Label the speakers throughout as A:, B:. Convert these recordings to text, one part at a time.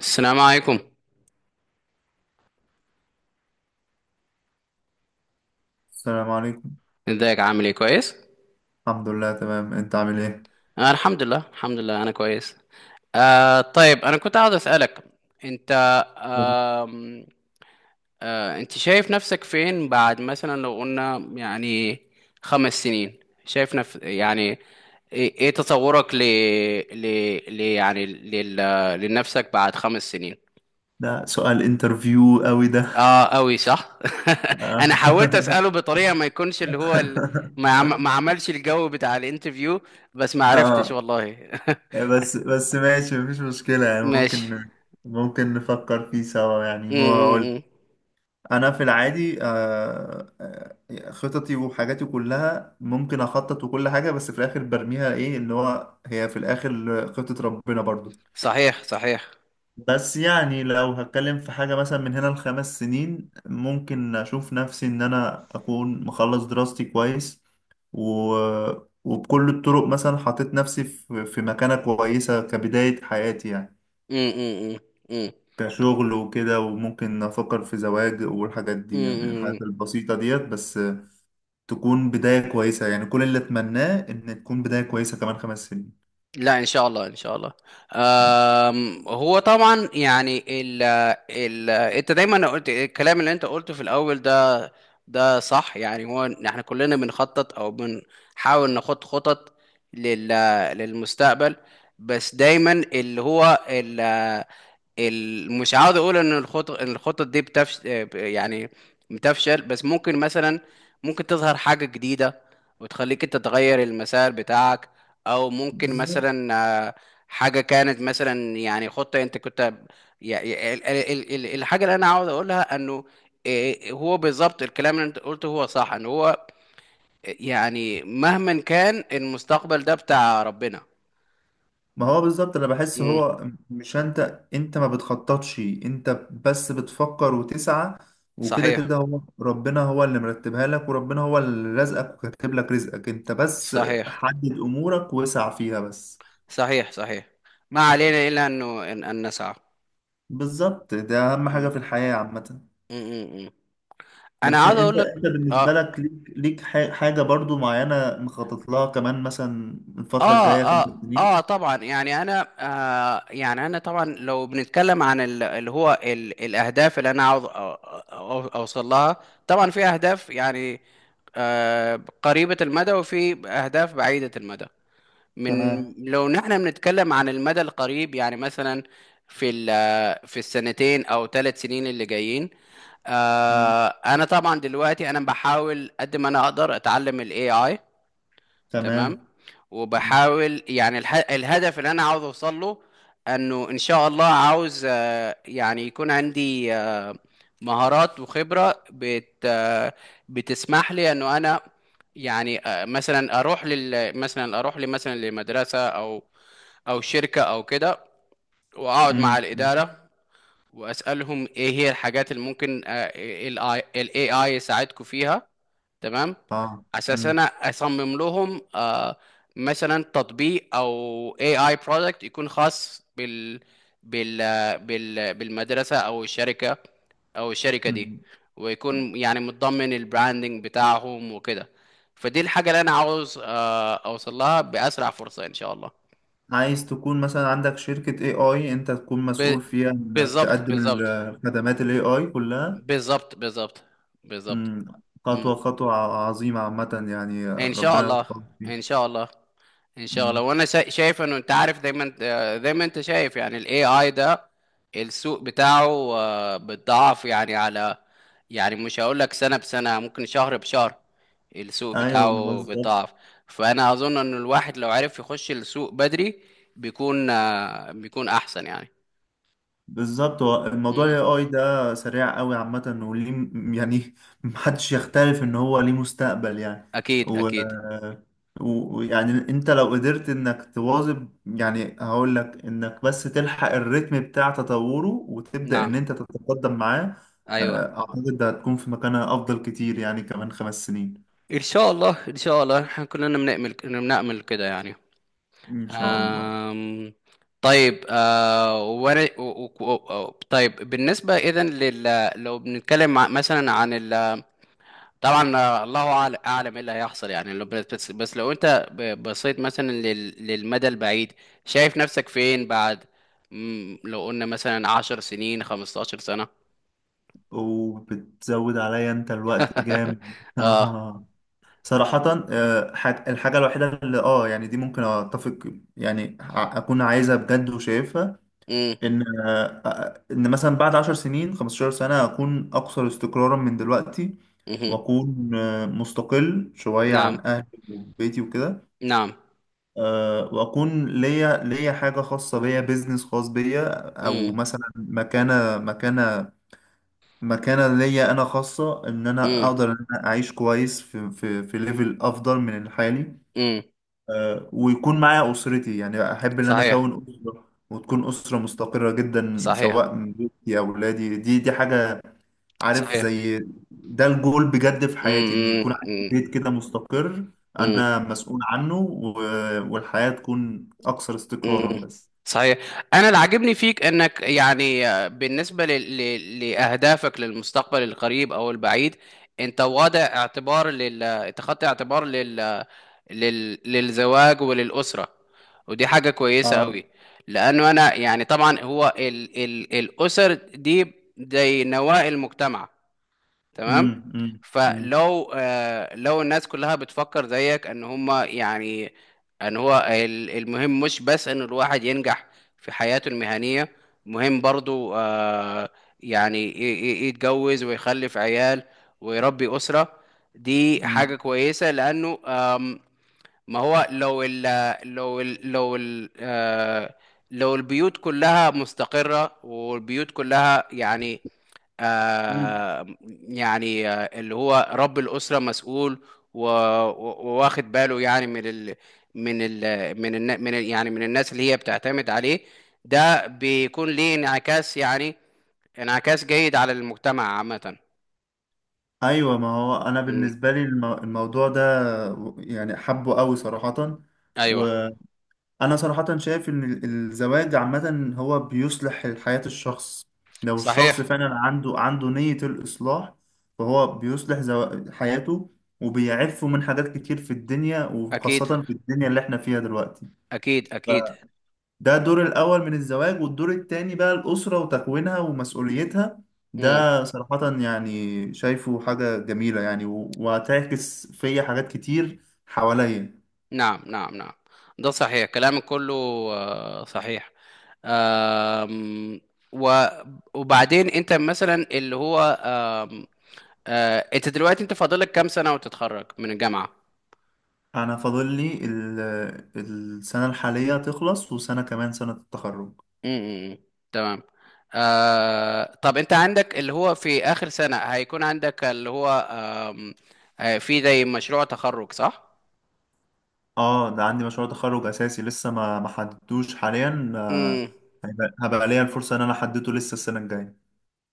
A: السلام عليكم.
B: السلام عليكم.
A: ازيك، عامل ايه؟ كويس.
B: الحمد لله تمام، انت عامل ايه؟
A: انا الحمد لله الحمد لله انا كويس. طيب انا كنت عاوز اسالك. انت آم، آه انت شايف نفسك فين بعد مثلا لو قلنا يعني 5 سنين؟ شايف نف يعني إيه تصورك ل ل ل يعني لل لنفسك بعد 5 سنين.
B: ده سؤال انترفيو قوي ده.
A: اه قوي، صح.
B: اه.
A: انا حاولت اساله بطريقه ما يكونش اللي هو ما عملش الجو بتاع الانترفيو، بس ما عرفتش
B: آه،
A: والله.
B: بس ماشي، مفيش مشكلة يعني
A: ماشي.
B: ممكن، نفكر فيه سوا يعني
A: م
B: ما اقول.
A: -م -م.
B: انا في العادي خططي وحاجاتي كلها ممكن اخطط وكل حاجة، بس في الاخر برميها ايه اللي هو هي في الاخر خطة ربنا برضو.
A: صحيح صحيح.
B: بس يعني لو هتكلم في حاجة مثلا من هنا لخمس سنين، ممكن أشوف نفسي إن أنا أكون مخلص دراستي كويس و... وبكل الطرق مثلا حطيت نفسي في مكانة كويسة كبداية حياتي يعني،
A: م -م -م. م
B: كشغل وكده، وممكن أفكر في زواج والحاجات
A: -م
B: دي، يعني
A: -م.
B: الحاجات البسيطة ديت بس تكون بداية كويسة. يعني كل اللي أتمناه إن تكون بداية كويسة كمان خمس
A: لا، ان شاء الله ان شاء الله. هو طبعا يعني ال ال انت دايما قلت الكلام اللي انت قلته في الاول ده. ده صح، يعني هو إن احنا كلنا بنخطط او بنحاول نخط خطط لل للمستقبل. بس دايما اللي هو مش عاوز اقول ان الخطط دي يعني بتفشل، بس ممكن مثلا ممكن تظهر حاجة جديدة وتخليك انت تغير المسار بتاعك. او ممكن
B: سنين.
A: مثلا آه، حاجة كانت مثلا يعني خطة انت كنت. الحاجة اللي انا عاوز اقولها انه هو بالظبط الكلام اللي انت قلته هو صح، ان هو يعني مهما كان المستقبل ده بتاع ربنا.
B: ما هو بالظبط، انا بحس
A: مم.
B: هو مش انت، ما بتخططش، انت بس بتفكر وتسعى وكده
A: صحيح
B: كده هو ربنا، هو اللي مرتبها لك، وربنا هو اللي رزقك وكاتب لك رزقك، انت بس
A: صحيح
B: حدد امورك واسع فيها بس.
A: صحيح صحيح. ما علينا الا أن نسعى.
B: بالظبط، ده اهم حاجة
A: مم.
B: في الحياة عامة.
A: مم. مم. انا
B: بس
A: عاوز
B: انت
A: اقول لك.
B: انت بالنسبة
A: اه
B: لك، ليك حاجة برضو معينة مخطط لها كمان مثلا الفترة
A: اه
B: الجاية خمس
A: اه
B: سنين؟
A: طبعا يعني انا. يعني انا طبعا لو بنتكلم عن اللي هو الاهداف اللي انا عاوز اوصل لها. طبعا في اهداف يعني قريبة المدى، وفي اهداف بعيدة المدى. من
B: تمام.
A: لو نحن بنتكلم عن المدى القريب، يعني مثلا في ال- آه، في السنتين او 3 سنين اللي جايين.
B: مم.
A: انا طبعا دلوقتي انا بحاول قد ما انا اقدر اتعلم الاي اي. تمام.
B: تمام. مم.
A: وبحاول يعني الهدف اللي انا عاوز اوصل له انه ان شاء الله عاوز يعني يكون عندي مهارات وخبرة بت... آه، بتسمح لي انه انا يعني مثلا اروح لي مثلا لمدرسة او شركة او كده، واقعد مع
B: مم.
A: الإدارة واسألهم ايه هي الحاجات اللي ممكن الاي AI يساعدكم فيها. تمام،
B: اه.
A: اساس انا اصمم لهم مثلا تطبيق او اي اي برودكت يكون خاص بال بالمدرسه او الشركه او الشركه دي،
B: مم.
A: ويكون يعني متضمن البراندنج بتاعهم وكده. فدي الحاجه اللي انا عاوز اوصل لها باسرع فرصه ان شاء الله.
B: عايز تكون مثلا عندك شركة اي اي، انت تكون
A: ب...
B: مسؤول فيها انك
A: بالظبط
B: تقدم
A: بالظبط،
B: الخدمات الاي اي كلها.
A: بالظبط بالظبط بالظبط.
B: مم. خطوة خطوة عظيمة عامة يعني،
A: ان شاء
B: ربنا
A: الله
B: يوفقك
A: ان
B: فيها.
A: شاء الله ان شاء الله.
B: مم.
A: وانا شايف انه انت عارف دايما، زي ما انت شايف يعني الاي اي ده، السوق بتاعه بيتضاعف يعني. على يعني مش هقول لك سنة بسنة، ممكن شهر بشهر، السوق
B: ايوه
A: بتاعه
B: بالظبط.
A: بيتضاعف. فانا اظن ان الواحد لو عرف يخش السوق بدري، بيكون بيكون احسن يعني.
B: بالظبط، هو الموضوع ال
A: مم.
B: AI ده سريع قوي عامة، وليه يعني محدش يختلف ان هو ليه مستقبل يعني.
A: اكيد
B: و...
A: اكيد.
B: ويعني انت لو قدرت انك تواظب يعني، هقول لك انك بس تلحق الريتم بتاع تطوره وتبدأ ان
A: نعم.
B: انت تتقدم معاه.
A: ايوه.
B: اعتقد ده هتكون في مكانها افضل كتير يعني كمان خمس سنين
A: ان شاء الله ان شاء الله، احنا كلنا بنأمل كده يعني.
B: ان شاء الله.
A: آم، طيب آه وانا و- و- و- طيب بالنسبة اذا لو بنتكلم مثلا عن طبعا الله اعلم ايه اللي هيحصل يعني لو بس لو انت بصيت مثلا للمدى البعيد. شايف نفسك فين بعد، لو قلنا مثلا 10 سنين 15 سنة؟
B: وبتزود عليا انت الوقت جامد
A: اه.
B: صراحة الحاجة الوحيدة اللي اه يعني دي ممكن اتفق يعني اكون عايزها بجد وشايفها.
A: امم.
B: ان ان مثلا بعد عشر سنين، خمستاشر سنة، اكون اكثر استقرارا من دلوقتي.
A: مهم.
B: واكون مستقل شوية
A: نعم
B: عن اهلي وبيتي وكده.
A: نعم.
B: واكون ليا حاجة خاصة بيا، بيزنس خاص بيا، او
A: امم
B: مثلا مكانة مكانة ليا انا خاصة، ان انا
A: امم
B: اقدر ان انا اعيش كويس في في ليفل افضل من الحالي.
A: امم.
B: ويكون معايا أسرتي، يعني أحب إن أنا
A: صحيح
B: أكون أسرة وتكون أسرة مستقرة جدا،
A: صحيح
B: سواء من بيتي أو أولادي. دي حاجة عارف
A: صحيح.
B: زي، ده الجول بجد في حياتي، إن يكون عندي
A: امم
B: بيت كده مستقر،
A: امم.
B: أنا مسؤول عنه، والحياة تكون أكثر
A: مم.
B: استقرارا بس.
A: صحيح. انا اللي عاجبني فيك انك يعني بالنسبه لاهدافك للمستقبل القريب او البعيد، انت واضع اعتبار لل اتخذت اعتبار للزواج وللاسره، ودي حاجه كويسه
B: آه.
A: قوي. لانه انا يعني طبعا هو الاسر دي زي نواة المجتمع. تمام.
B: أمم، أمم، أمم،
A: فلو آه لو الناس كلها بتفكر زيك، ان هما يعني ان هو المهم مش بس ان الواحد ينجح في حياته المهنية، مهم برضو يعني يتجوز ويخلف عيال ويربي أسرة. دي
B: أمم،
A: حاجة كويسة لأنه، ما هو لو ال لو ال لو ال آه لو البيوت كلها مستقرة، والبيوت كلها يعني
B: أمم.
A: آه اللي هو رب الأسرة مسؤول وواخد باله يعني من ال من ال من ال من ال يعني من الناس اللي هي بتعتمد عليه، ده بيكون ليه انعكاس، يعني انعكاس جيد على المجتمع عامة.
B: أيوة، ما هو أنا
A: مم.
B: بالنسبة لي الموضوع ده يعني حبه قوي صراحة. و
A: ايوه.
B: انا صراحة شايف ان الزواج عامة هو بيصلح حياة الشخص، لو الشخص
A: صحيح.
B: فعلا عنده نية الإصلاح، فهو بيصلح حياته، وبيعفه من حاجات كتير في الدنيا،
A: اكيد
B: وخاصة في الدنيا اللي احنا فيها دلوقتي.
A: اكيد اكيد.
B: فده دور الأول من الزواج، والدور التاني بقى الأسرة وتكوينها ومسؤوليتها.
A: مم.
B: ده صراحة يعني شايفه حاجة جميلة يعني، وهتعكس فيا حاجات كتير حواليا.
A: نعم نعم نعم. ده صحيح كلامك كله، صحيح. آم، و- وبعدين انت مثلا اللي هو انت دلوقتي انت فاضلك كام سنة وتتخرج من الجامعة؟
B: انا فاضل لي السنه الحاليه تخلص وسنه كمان، سنه التخرج.
A: امم. تمام. طب انت عندك اللي هو في اخر سنة هيكون عندك اللي هو آم، آه، في زي مشروع تخرج، صح؟
B: اه ده عندي مشروع تخرج اساسي، لسه ما حددتوش حاليا.
A: امم
B: هيبقى، هبقى ليا الفرصه ان انا احدده لسه السنه الجايه.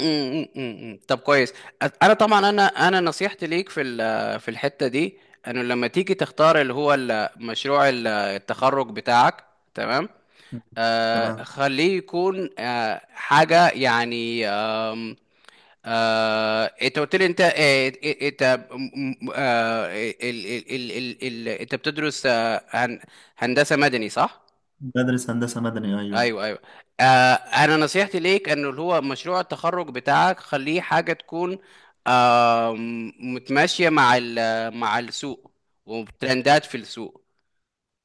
A: امم. طب كويس. انا طبعا انا انا نصيحتي ليك في في الحتة دي، انه لما تيجي تختار اللي هو مشروع التخرج بتاعك. تمام.
B: مم. تمام.
A: خليه يكون حاجة يعني. انت قلت لي انت انت انت بتدرس هندسة مدني، صح؟
B: بدرس هندسه مدني ايوه.
A: ايوه ايوه. انا نصيحتي ليك انه اللي هو مشروع التخرج بتاعك خليه حاجة تكون متماشية مع مع السوق وترندات في السوق.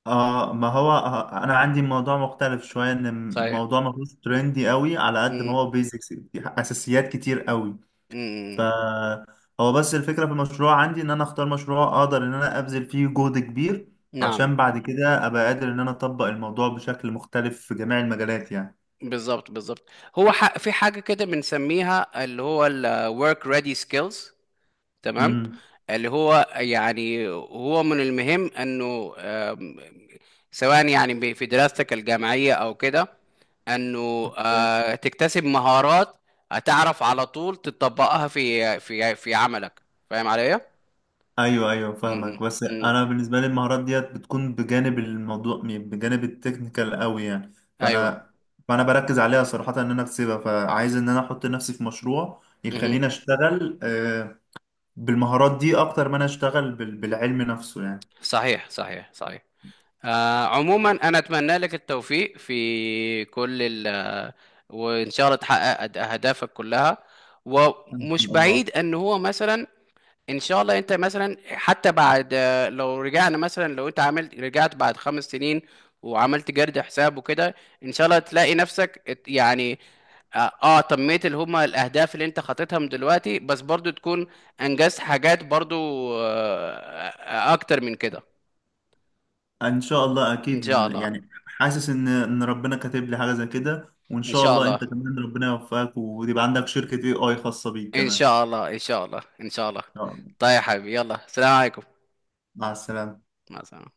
B: اه ما هو انا عندي موضوع مختلف شويه، ان
A: صحيح.
B: الموضوع ما فيهوش ترندي قوي على قد ما
A: مم.
B: هو بيزكس اساسيات كتير قوي.
A: مم.
B: فهو بس الفكرة في المشروع عندي، ان انا اختار مشروع اقدر ان انا ابذل فيه جهد كبير،
A: نعم.
B: عشان بعد كده ابقى قادر ان انا اطبق الموضوع بشكل مختلف في جميع المجالات يعني.
A: بالظبط بالظبط. هو في حاجة كده بنسميها اللي هو ال work ready skills. تمام.
B: امم.
A: اللي هو يعني هو من المهم انه، سواء يعني في دراستك الجامعية او كده، انه
B: فاهم.
A: تكتسب مهارات هتعرف على طول تطبقها في عملك. فاهم عليا؟
B: ايوه ايوه فاهمك،
A: م-
B: بس
A: م- م.
B: انا بالنسبة لي المهارات ديت بتكون بجانب الموضوع، بجانب التكنيكال قوي يعني.
A: ايوه.
B: فانا فانا بركز عليها صراحة ان انا اكسبها، فعايز ان انا احط نفسي في مشروع
A: مه.
B: يخليني اشتغل بالمهارات دي اكتر ما انا اشتغل بالعلم نفسه يعني.
A: صحيح صحيح صحيح. عموما انا اتمنى لك التوفيق في كل ال وان شاء الله تحقق اهدافك كلها.
B: ان
A: ومش
B: شاء الله.
A: بعيد ان هو مثلا، ان شاء الله انت مثلا حتى بعد، لو رجعنا مثلا لو انت رجعت بعد 5 سنين وعملت جرد حساب وكده، ان شاء الله تلاقي نفسك يعني تميت اللي هما الاهداف اللي انت خطيتها من دلوقتي، بس برضو تكون انجزت حاجات برضو آه، اكتر من كده.
B: ان شاء الله
A: ان
B: اكيد.
A: شاء الله
B: يعني حاسس ان ربنا كاتب لي حاجه زي كده، وان
A: ان
B: شاء
A: شاء
B: الله
A: الله
B: انت كمان ربنا يوفقك وتبقى عندك شركه اي اي خاصه بيك
A: ان
B: كمان.
A: شاء الله ان شاء الله ان شاء الله.
B: يلا،
A: طيب يا حبيبي، يلا سلام عليكم.
B: مع السلامه.
A: مع السلامة.